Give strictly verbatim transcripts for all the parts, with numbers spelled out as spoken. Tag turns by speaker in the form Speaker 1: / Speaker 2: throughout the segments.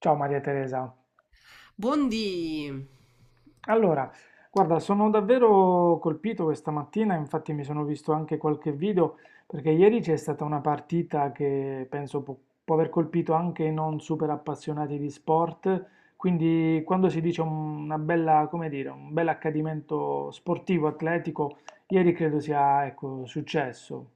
Speaker 1: Ciao Maria Teresa.
Speaker 2: Buondì.
Speaker 1: Allora, guarda, sono davvero colpito questa mattina, infatti mi sono visto anche qualche video, perché ieri c'è stata una partita che penso può, può aver colpito anche i non super appassionati di sport, quindi quando si dice un- una bella, come dire, un bel accadimento sportivo, atletico, ieri credo sia, ecco, successo.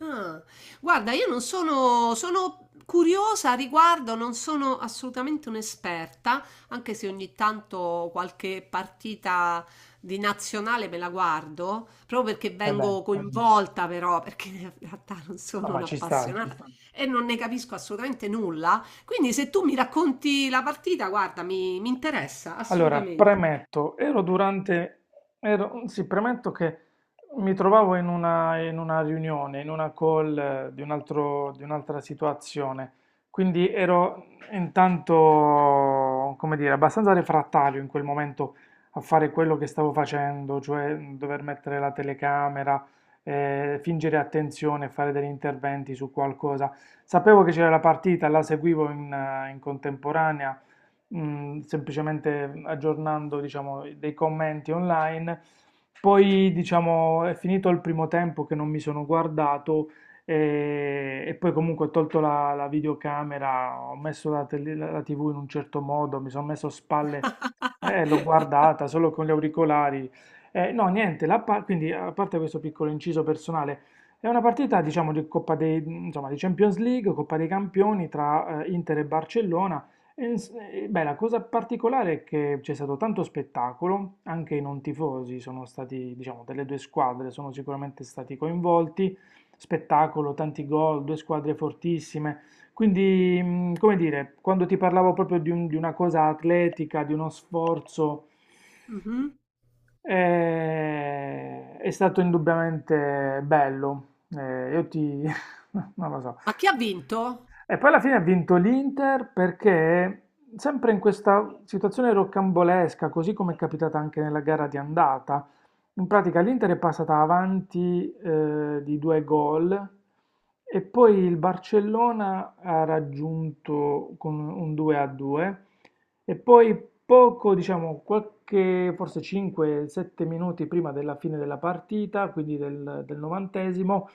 Speaker 2: Ah, guarda, io non sono, sono curiosa a riguardo, non sono assolutamente un'esperta, anche se ogni tanto qualche partita di nazionale me la guardo, proprio perché
Speaker 1: Eh beh,
Speaker 2: vengo coinvolta però, perché in realtà non
Speaker 1: no,
Speaker 2: sono
Speaker 1: ma ci sta.
Speaker 2: un'appassionata e non ne capisco assolutamente nulla. Quindi se tu mi racconti la partita, guarda, mi, mi interessa
Speaker 1: Allora,
Speaker 2: assolutamente.
Speaker 1: premetto, ero durante, ero, sì, premetto che mi trovavo in una, in una riunione, in una call eh, di un altro, di un'altra situazione, quindi ero intanto, come dire, abbastanza refrattario in quel momento a fare quello che stavo facendo, cioè mh, dover mettere la telecamera, eh, fingere attenzione, fare degli interventi su qualcosa. Sapevo che c'era la partita, la seguivo in eh, in contemporanea mh, semplicemente aggiornando, diciamo, dei commenti online. Poi, diciamo, è finito il primo tempo che non mi sono guardato e, e poi comunque ho tolto la, la videocamera, ho messo la, tele- la- la T V in un certo modo, mi sono messo a spalle, eh, l'ho guardata solo con gli auricolari. Eh, no, niente, la par- quindi a parte questo piccolo inciso personale, è una partita, diciamo, di Coppa dei, insomma, di Champions League, Coppa dei Campioni tra eh, Inter e Barcellona. E ins- e, beh, la cosa particolare è che c'è stato tanto spettacolo, anche i non tifosi sono stati, diciamo, delle due squadre sono sicuramente stati coinvolti, spettacolo, tanti gol, due squadre fortissime, quindi, mh, come dire, quando ti parlavo proprio di, un- di una cosa atletica, di uno sforzo,
Speaker 2: Mhm.
Speaker 1: eh, è stato indubbiamente bello. Eh, io ti, non lo so,
Speaker 2: Ma chi ha vinto?
Speaker 1: e poi alla fine ha vinto l'Inter perché, sempre in questa situazione rocambolesca, così come è capitata anche nella gara di andata, in pratica l'Inter è passata avanti eh, di due gol e poi il Barcellona ha raggiunto con un due a due e poi poco, diciamo, qualche, forse cinque sette minuti prima della fine della partita, quindi del, del novantesimo,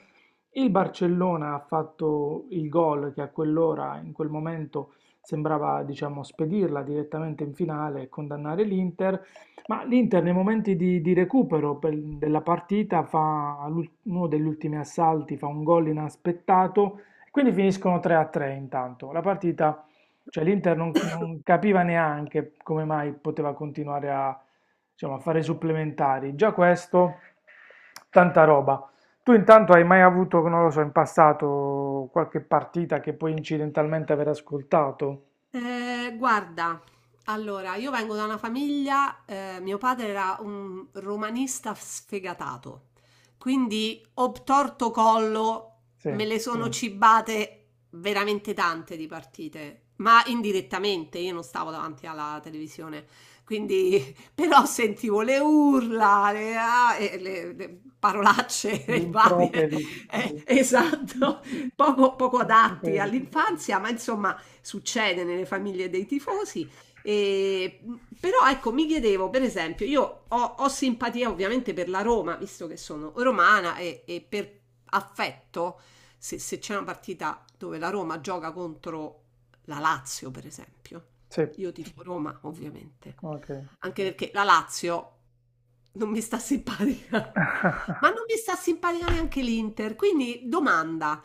Speaker 1: il Barcellona ha fatto il gol che a quell'ora, in quel momento, sembrava, diciamo, spedirla direttamente in finale e condannare l'Inter, ma l'Inter nei momenti di, di recupero per- della partita fa l'ul- uno degli ultimi assalti, fa un gol inaspettato, quindi finiscono tre a tre intanto. La partita, cioè l'Inter non, non capiva neanche come mai poteva continuare a, diciamo, a fare i supplementari. Già questo, tanta roba. Tu intanto hai mai avuto, non lo so, in passato qualche partita che puoi incidentalmente aver ascoltato?
Speaker 2: Ehm, guarda, allora io vengo da una famiglia, ehm, mio padre era un romanista sfegatato, quindi obtorto collo
Speaker 1: Sì,
Speaker 2: me le sono cibate veramente tante di partite, ma indirettamente, io non stavo davanti alla televisione, quindi però sentivo le urla, le, ah, e le- le parolacce
Speaker 1: gli
Speaker 2: e varie,
Speaker 1: improperi, sì.
Speaker 2: eh, esatto, poco, poco
Speaker 1: Gli
Speaker 2: adatti
Speaker 1: improperi.
Speaker 2: all'infanzia, ma insomma succede nelle famiglie dei tifosi. E, però ecco, mi chiedevo, per esempio, io ho, ho simpatia ovviamente per la Roma, visto che sono romana e, e per affetto, se, se c'è una partita dove la Roma gioca contro la Lazio, per esempio,
Speaker 1: Sì,
Speaker 2: io tifo Roma, ovviamente.
Speaker 1: ok.
Speaker 2: Anche perché la Lazio non mi sta simpatica. Ma non mi sta simpatica neanche l'Inter. Quindi domanda,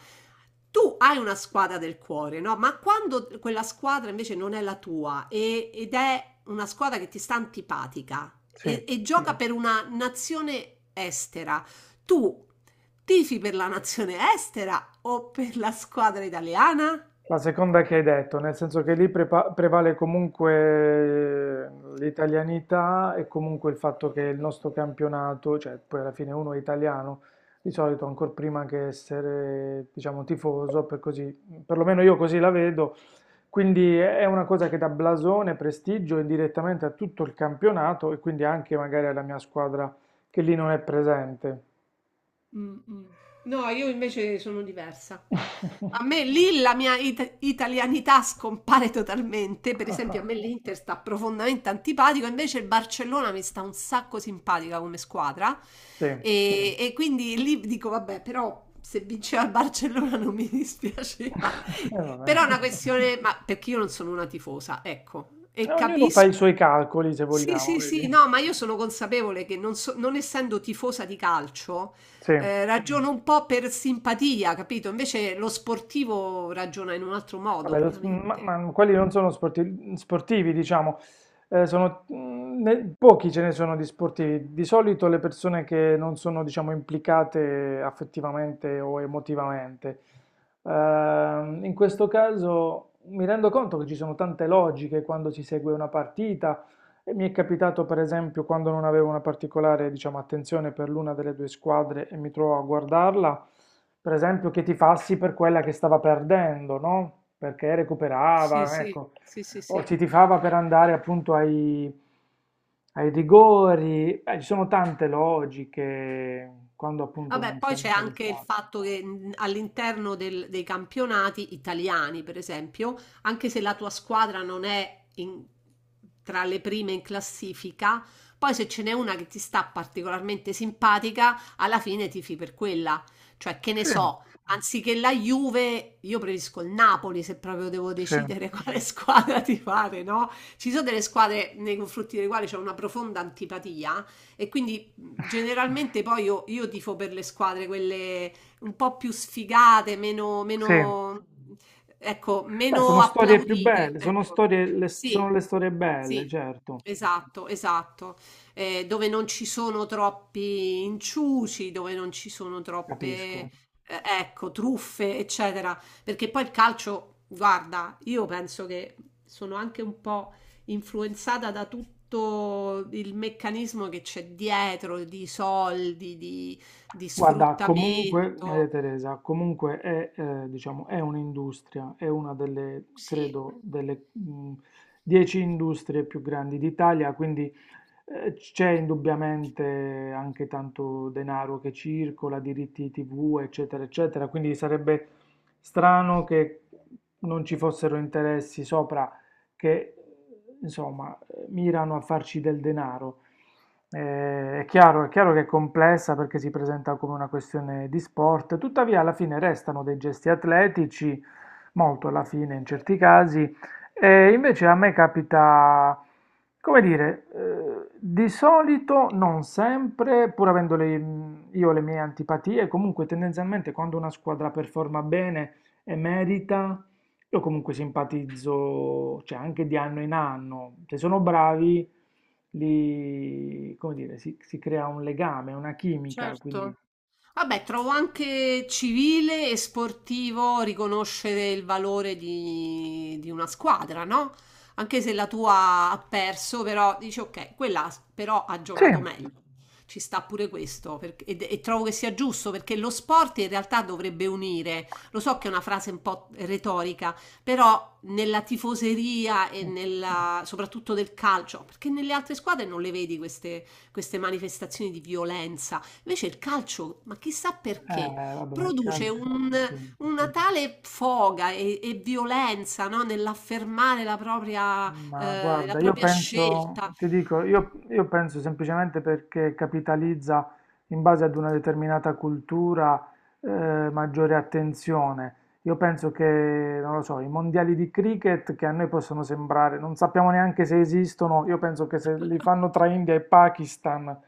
Speaker 2: tu hai una squadra del cuore, no? Ma quando quella squadra invece non è la tua e- ed è una squadra che ti sta antipatica
Speaker 1: Sì,
Speaker 2: e, e gioca Mm. per una nazione estera, tu tifi per la nazione estera o per la squadra italiana?
Speaker 1: la seconda che hai detto, nel senso che lì prepa- prevale comunque eh, l'italianità e comunque il fatto che il nostro campionato, cioè poi alla fine uno è italiano, di solito ancora prima che essere, diciamo, tifoso, per così, perlomeno io così la vedo. Quindi è una cosa che dà blasone, prestigio indirettamente a tutto il campionato e quindi anche magari alla mia squadra che lì non è presente.
Speaker 2: No, io invece sono diversa. A me lì la mia it- italianità scompare totalmente. Per esempio, a me l'Inter sta profondamente antipatico, invece il Barcellona mi sta un sacco simpatica come squadra.
Speaker 1: Sì.
Speaker 2: E, e quindi lì dico, vabbè, però se vinceva il Barcellona non mi dispiaceva.
Speaker 1: E
Speaker 2: Però
Speaker 1: vabbè.
Speaker 2: è una questione, ma perché io non sono una tifosa, ecco, e
Speaker 1: Ognuno fa i
Speaker 2: capisco.
Speaker 1: suoi calcoli, se
Speaker 2: Sì,
Speaker 1: vogliamo,
Speaker 2: sì,
Speaker 1: vedi?
Speaker 2: sì, no, ma io sono consapevole che non, so- non essendo tifosa di calcio,
Speaker 1: Sì.
Speaker 2: eh, ragiono un po' per simpatia, capito? Invece lo sportivo ragiona in un altro modo,
Speaker 1: Vabbè, lo s- ma,
Speaker 2: ovviamente.
Speaker 1: ma quelli non sono sporti- sportivi, diciamo. Eh, sono, mm, ne- pochi ce ne sono di sportivi. Di solito le persone che non sono, diciamo, implicate affettivamente o emotivamente. Ehm, in questo caso mi rendo conto che ci sono tante logiche quando si segue una partita, e mi è capitato per esempio quando non avevo una particolare, diciamo, attenzione per l'una delle due squadre e mi trovo a guardarla, per esempio che tifassi per quella che stava perdendo, no? Perché
Speaker 2: Sì,
Speaker 1: recuperava,
Speaker 2: sì,
Speaker 1: ecco,
Speaker 2: sì, sì,
Speaker 1: o
Speaker 2: sì.
Speaker 1: si tifava per andare appunto ai, ai rigori. Eh, ci sono tante logiche quando appunto
Speaker 2: Vabbè,
Speaker 1: non
Speaker 2: poi
Speaker 1: siamo
Speaker 2: c'è anche il
Speaker 1: interessati.
Speaker 2: fatto che mh, all'interno del- dei campionati italiani, per esempio, anche se la tua squadra non è in- tra le prime in classifica, poi se ce n'è una che ti sta particolarmente simpatica, alla fine tifi per quella. Cioè, che ne
Speaker 1: Sì,
Speaker 2: so, anziché la Juve, io preferisco il Napoli se proprio devo
Speaker 1: sì,
Speaker 2: decidere quale squadra tifare, no? Ci sono delle squadre nei confronti delle quali c'è una profonda antipatia e quindi generalmente poi io, io tifo per le squadre, quelle un po' più sfigate, meno,
Speaker 1: sì.
Speaker 2: meno, ecco,
Speaker 1: Beh,
Speaker 2: meno
Speaker 1: sono storie più
Speaker 2: applaudite.
Speaker 1: belle, sono
Speaker 2: Ecco.
Speaker 1: storie, le- sono
Speaker 2: Sì,
Speaker 1: le storie belle,
Speaker 2: sì,
Speaker 1: certo,
Speaker 2: esatto, esatto. Eh, dove non ci sono troppi inciuci, dove non ci sono troppe,
Speaker 1: capisco.
Speaker 2: eh, ecco, truffe, eccetera. Perché poi il calcio, guarda, io penso che sono anche un po' influenzata da tutto il meccanismo che c'è dietro di soldi, di, di
Speaker 1: Guarda, comunque,
Speaker 2: sfruttamento.
Speaker 1: Maria Teresa, comunque è, eh, diciamo, è un'industria, è una delle,
Speaker 2: Sì,
Speaker 1: credo, delle mh, dieci industrie più grandi d'Italia, quindi eh, c'è indubbiamente anche tanto denaro che circola, diritti T V, eccetera, eccetera, quindi sarebbe strano che non ci fossero interessi sopra che, insomma, mirano a farci del denaro. Eh, è chiaro, è chiaro che è complessa perché si presenta come una questione di sport, tuttavia alla fine restano dei gesti atletici, molto alla fine in certi casi, e invece a me capita, come dire, eh, di solito, non sempre, pur avendo le- io le mie antipatie, comunque tendenzialmente quando una squadra performa bene e merita, io comunque simpatizzo, cioè anche di anno in anno, se sono bravi, li, come dire, si, si crea un legame, una chimica, quindi...
Speaker 2: vabbè, trovo anche civile e sportivo riconoscere il valore di, di una squadra, no? Anche se la tua ha perso, però dici ok, quella però ha
Speaker 1: Sì.
Speaker 2: giocato meglio. Ci sta pure questo, perché- e, e trovo che sia giusto perché lo sport in realtà dovrebbe unire. Lo so che è una frase un po' retorica, però nella tifoseria e nella, soprattutto del calcio, perché nelle altre squadre non le vedi queste queste manifestazioni di violenza. Invece il calcio, ma chissà perché,
Speaker 1: Eh, vabbè, ma il
Speaker 2: produce
Speaker 1: calcio,
Speaker 2: un-
Speaker 1: sì.
Speaker 2: una tale foga e, e violenza, no, nell'affermare la propria,
Speaker 1: Ma
Speaker 2: eh, la
Speaker 1: guarda, io
Speaker 2: propria
Speaker 1: penso,
Speaker 2: scelta.
Speaker 1: ti dico, io, io penso semplicemente perché capitalizza in base ad una determinata cultura eh, maggiore attenzione. Io penso che, non lo so, i mondiali di cricket che a noi possono sembrare, non sappiamo neanche se esistono, io penso che se li fanno tra India e Pakistan,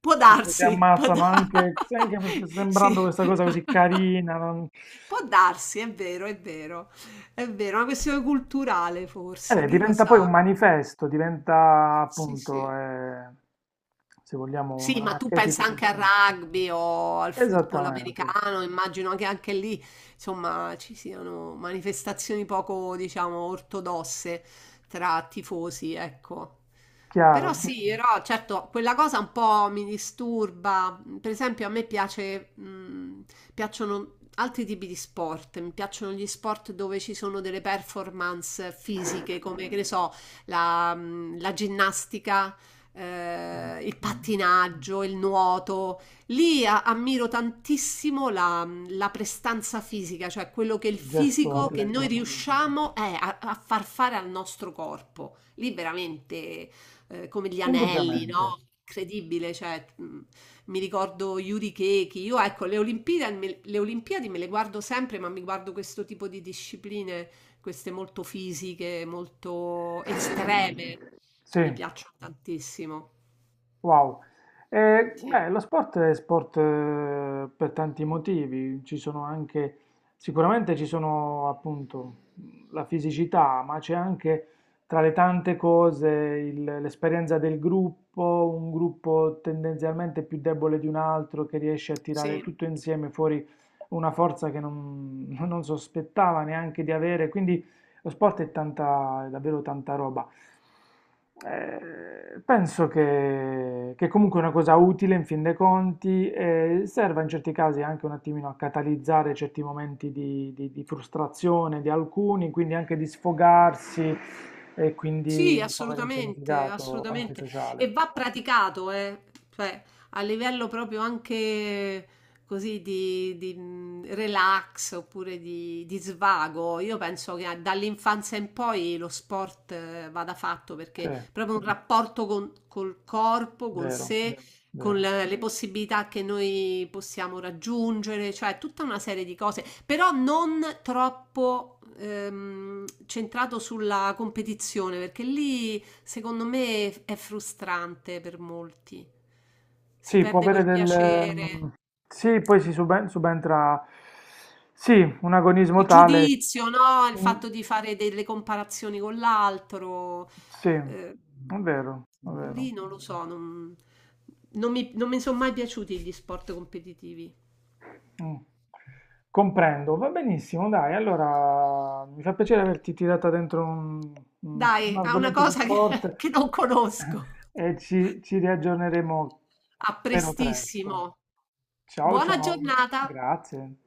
Speaker 2: Può
Speaker 1: tipo, si
Speaker 2: darsi, può
Speaker 1: ammazzano
Speaker 2: da-
Speaker 1: anche, se anche
Speaker 2: sì.
Speaker 1: sembrando questa cosa così carina, non...
Speaker 2: Può darsi, è vero, è vero, è vero, è una questione culturale
Speaker 1: Eh
Speaker 2: forse,
Speaker 1: beh,
Speaker 2: chi lo
Speaker 1: diventa poi
Speaker 2: sa.
Speaker 1: un manifesto, diventa appunto, eh, se vogliamo, un,
Speaker 2: Sì,
Speaker 1: un
Speaker 2: ma tu pensa
Speaker 1: archetipo
Speaker 2: anche al
Speaker 1: perfetto.
Speaker 2: rugby o al football
Speaker 1: Esattamente,
Speaker 2: americano, immagino che anche lì, insomma, ci siano manifestazioni poco, diciamo, ortodosse tra tifosi, ecco. Però
Speaker 1: chiaro,
Speaker 2: sì, però certo, quella cosa un po' mi disturba. Per esempio, a me piace, mh, piacciono altri tipi di sport, mi piacciono gli sport dove ci sono delle performance fisiche, come che ne so, la, mh, la ginnastica
Speaker 1: sì,
Speaker 2: eh, il
Speaker 1: sì.
Speaker 2: pattinaggio, il nuoto. Lì a- ammiro tantissimo la, la prestanza fisica, cioè quello che è il
Speaker 1: Il gesto
Speaker 2: fisico che noi
Speaker 1: atletico,
Speaker 2: riusciamo eh, a, a far fare al nostro corpo. Lì veramente eh, come gli anelli,
Speaker 1: indubbiamente,
Speaker 2: no? Incredibile, cioè, mh, mi ricordo Yuri Keki. Io ecco, le Olimpiadi, me- le Olimpiadi me le guardo sempre, ma mi guardo questo tipo di discipline queste molto fisiche, molto estreme, mi
Speaker 1: sì.
Speaker 2: piacciono tantissimo.
Speaker 1: Wow. Eh, beh, lo sport è sport eh, per tanti motivi, ci sono anche, sicuramente ci sono appunto la fisicità, ma c'è anche tra le tante cose il- l'esperienza del gruppo, un gruppo tendenzialmente più debole di un altro che riesce a tirare
Speaker 2: Sì,
Speaker 1: tutto insieme fuori una forza che non, non sospettava neanche di avere, quindi lo sport è tanta, è davvero tanta roba. Eh, penso che, che comunque è una cosa utile in fin dei conti e serva in certi casi anche un attimino a catalizzare certi momenti di, di- di frustrazione di alcuni, quindi anche di sfogarsi e
Speaker 2: sì,
Speaker 1: quindi può avere un
Speaker 2: assolutamente,
Speaker 1: significato anche
Speaker 2: assolutamente.
Speaker 1: sociale.
Speaker 2: E va praticato, eh. Cioè, a livello proprio anche così di, di, mh, relax oppure di, di svago. Io penso che a- dall'infanzia in poi lo sport eh, vada fatto
Speaker 1: Sì,
Speaker 2: perché proprio un rapporto con, col corpo, con
Speaker 1: vero,
Speaker 2: sé, con
Speaker 1: vero.
Speaker 2: le, le possibilità che noi possiamo raggiungere, cioè tutta una serie di cose, però non troppo ehm, centrato sulla competizione, perché lì secondo me è frustrante per molti. Si
Speaker 1: Sì, può
Speaker 2: perde
Speaker 1: avere
Speaker 2: quel
Speaker 1: del...
Speaker 2: piacere,
Speaker 1: mm, sì, poi si suben- subentra... Sì, un agonismo
Speaker 2: il
Speaker 1: tale...
Speaker 2: giudizio, no? Il
Speaker 1: mm,
Speaker 2: fatto di fare delle comparazioni con l'altro.
Speaker 1: sì,
Speaker 2: Eh,
Speaker 1: è vero, è vero.
Speaker 2: lì non lo so, non non mi non mi sono mai piaciuti gli sport competitivi.
Speaker 1: Mm. Comprendo, va benissimo, dai. Allora, mi fa piacere averti tirata dentro un, un- un
Speaker 2: Dai, a una
Speaker 1: argomento di
Speaker 2: cosa che,
Speaker 1: sport
Speaker 2: che non conosco.
Speaker 1: e ci, ci riaggiorneremo
Speaker 2: A
Speaker 1: però presto.
Speaker 2: prestissimo.
Speaker 1: Ciao,
Speaker 2: Buona
Speaker 1: ciao,
Speaker 2: giornata.
Speaker 1: grazie.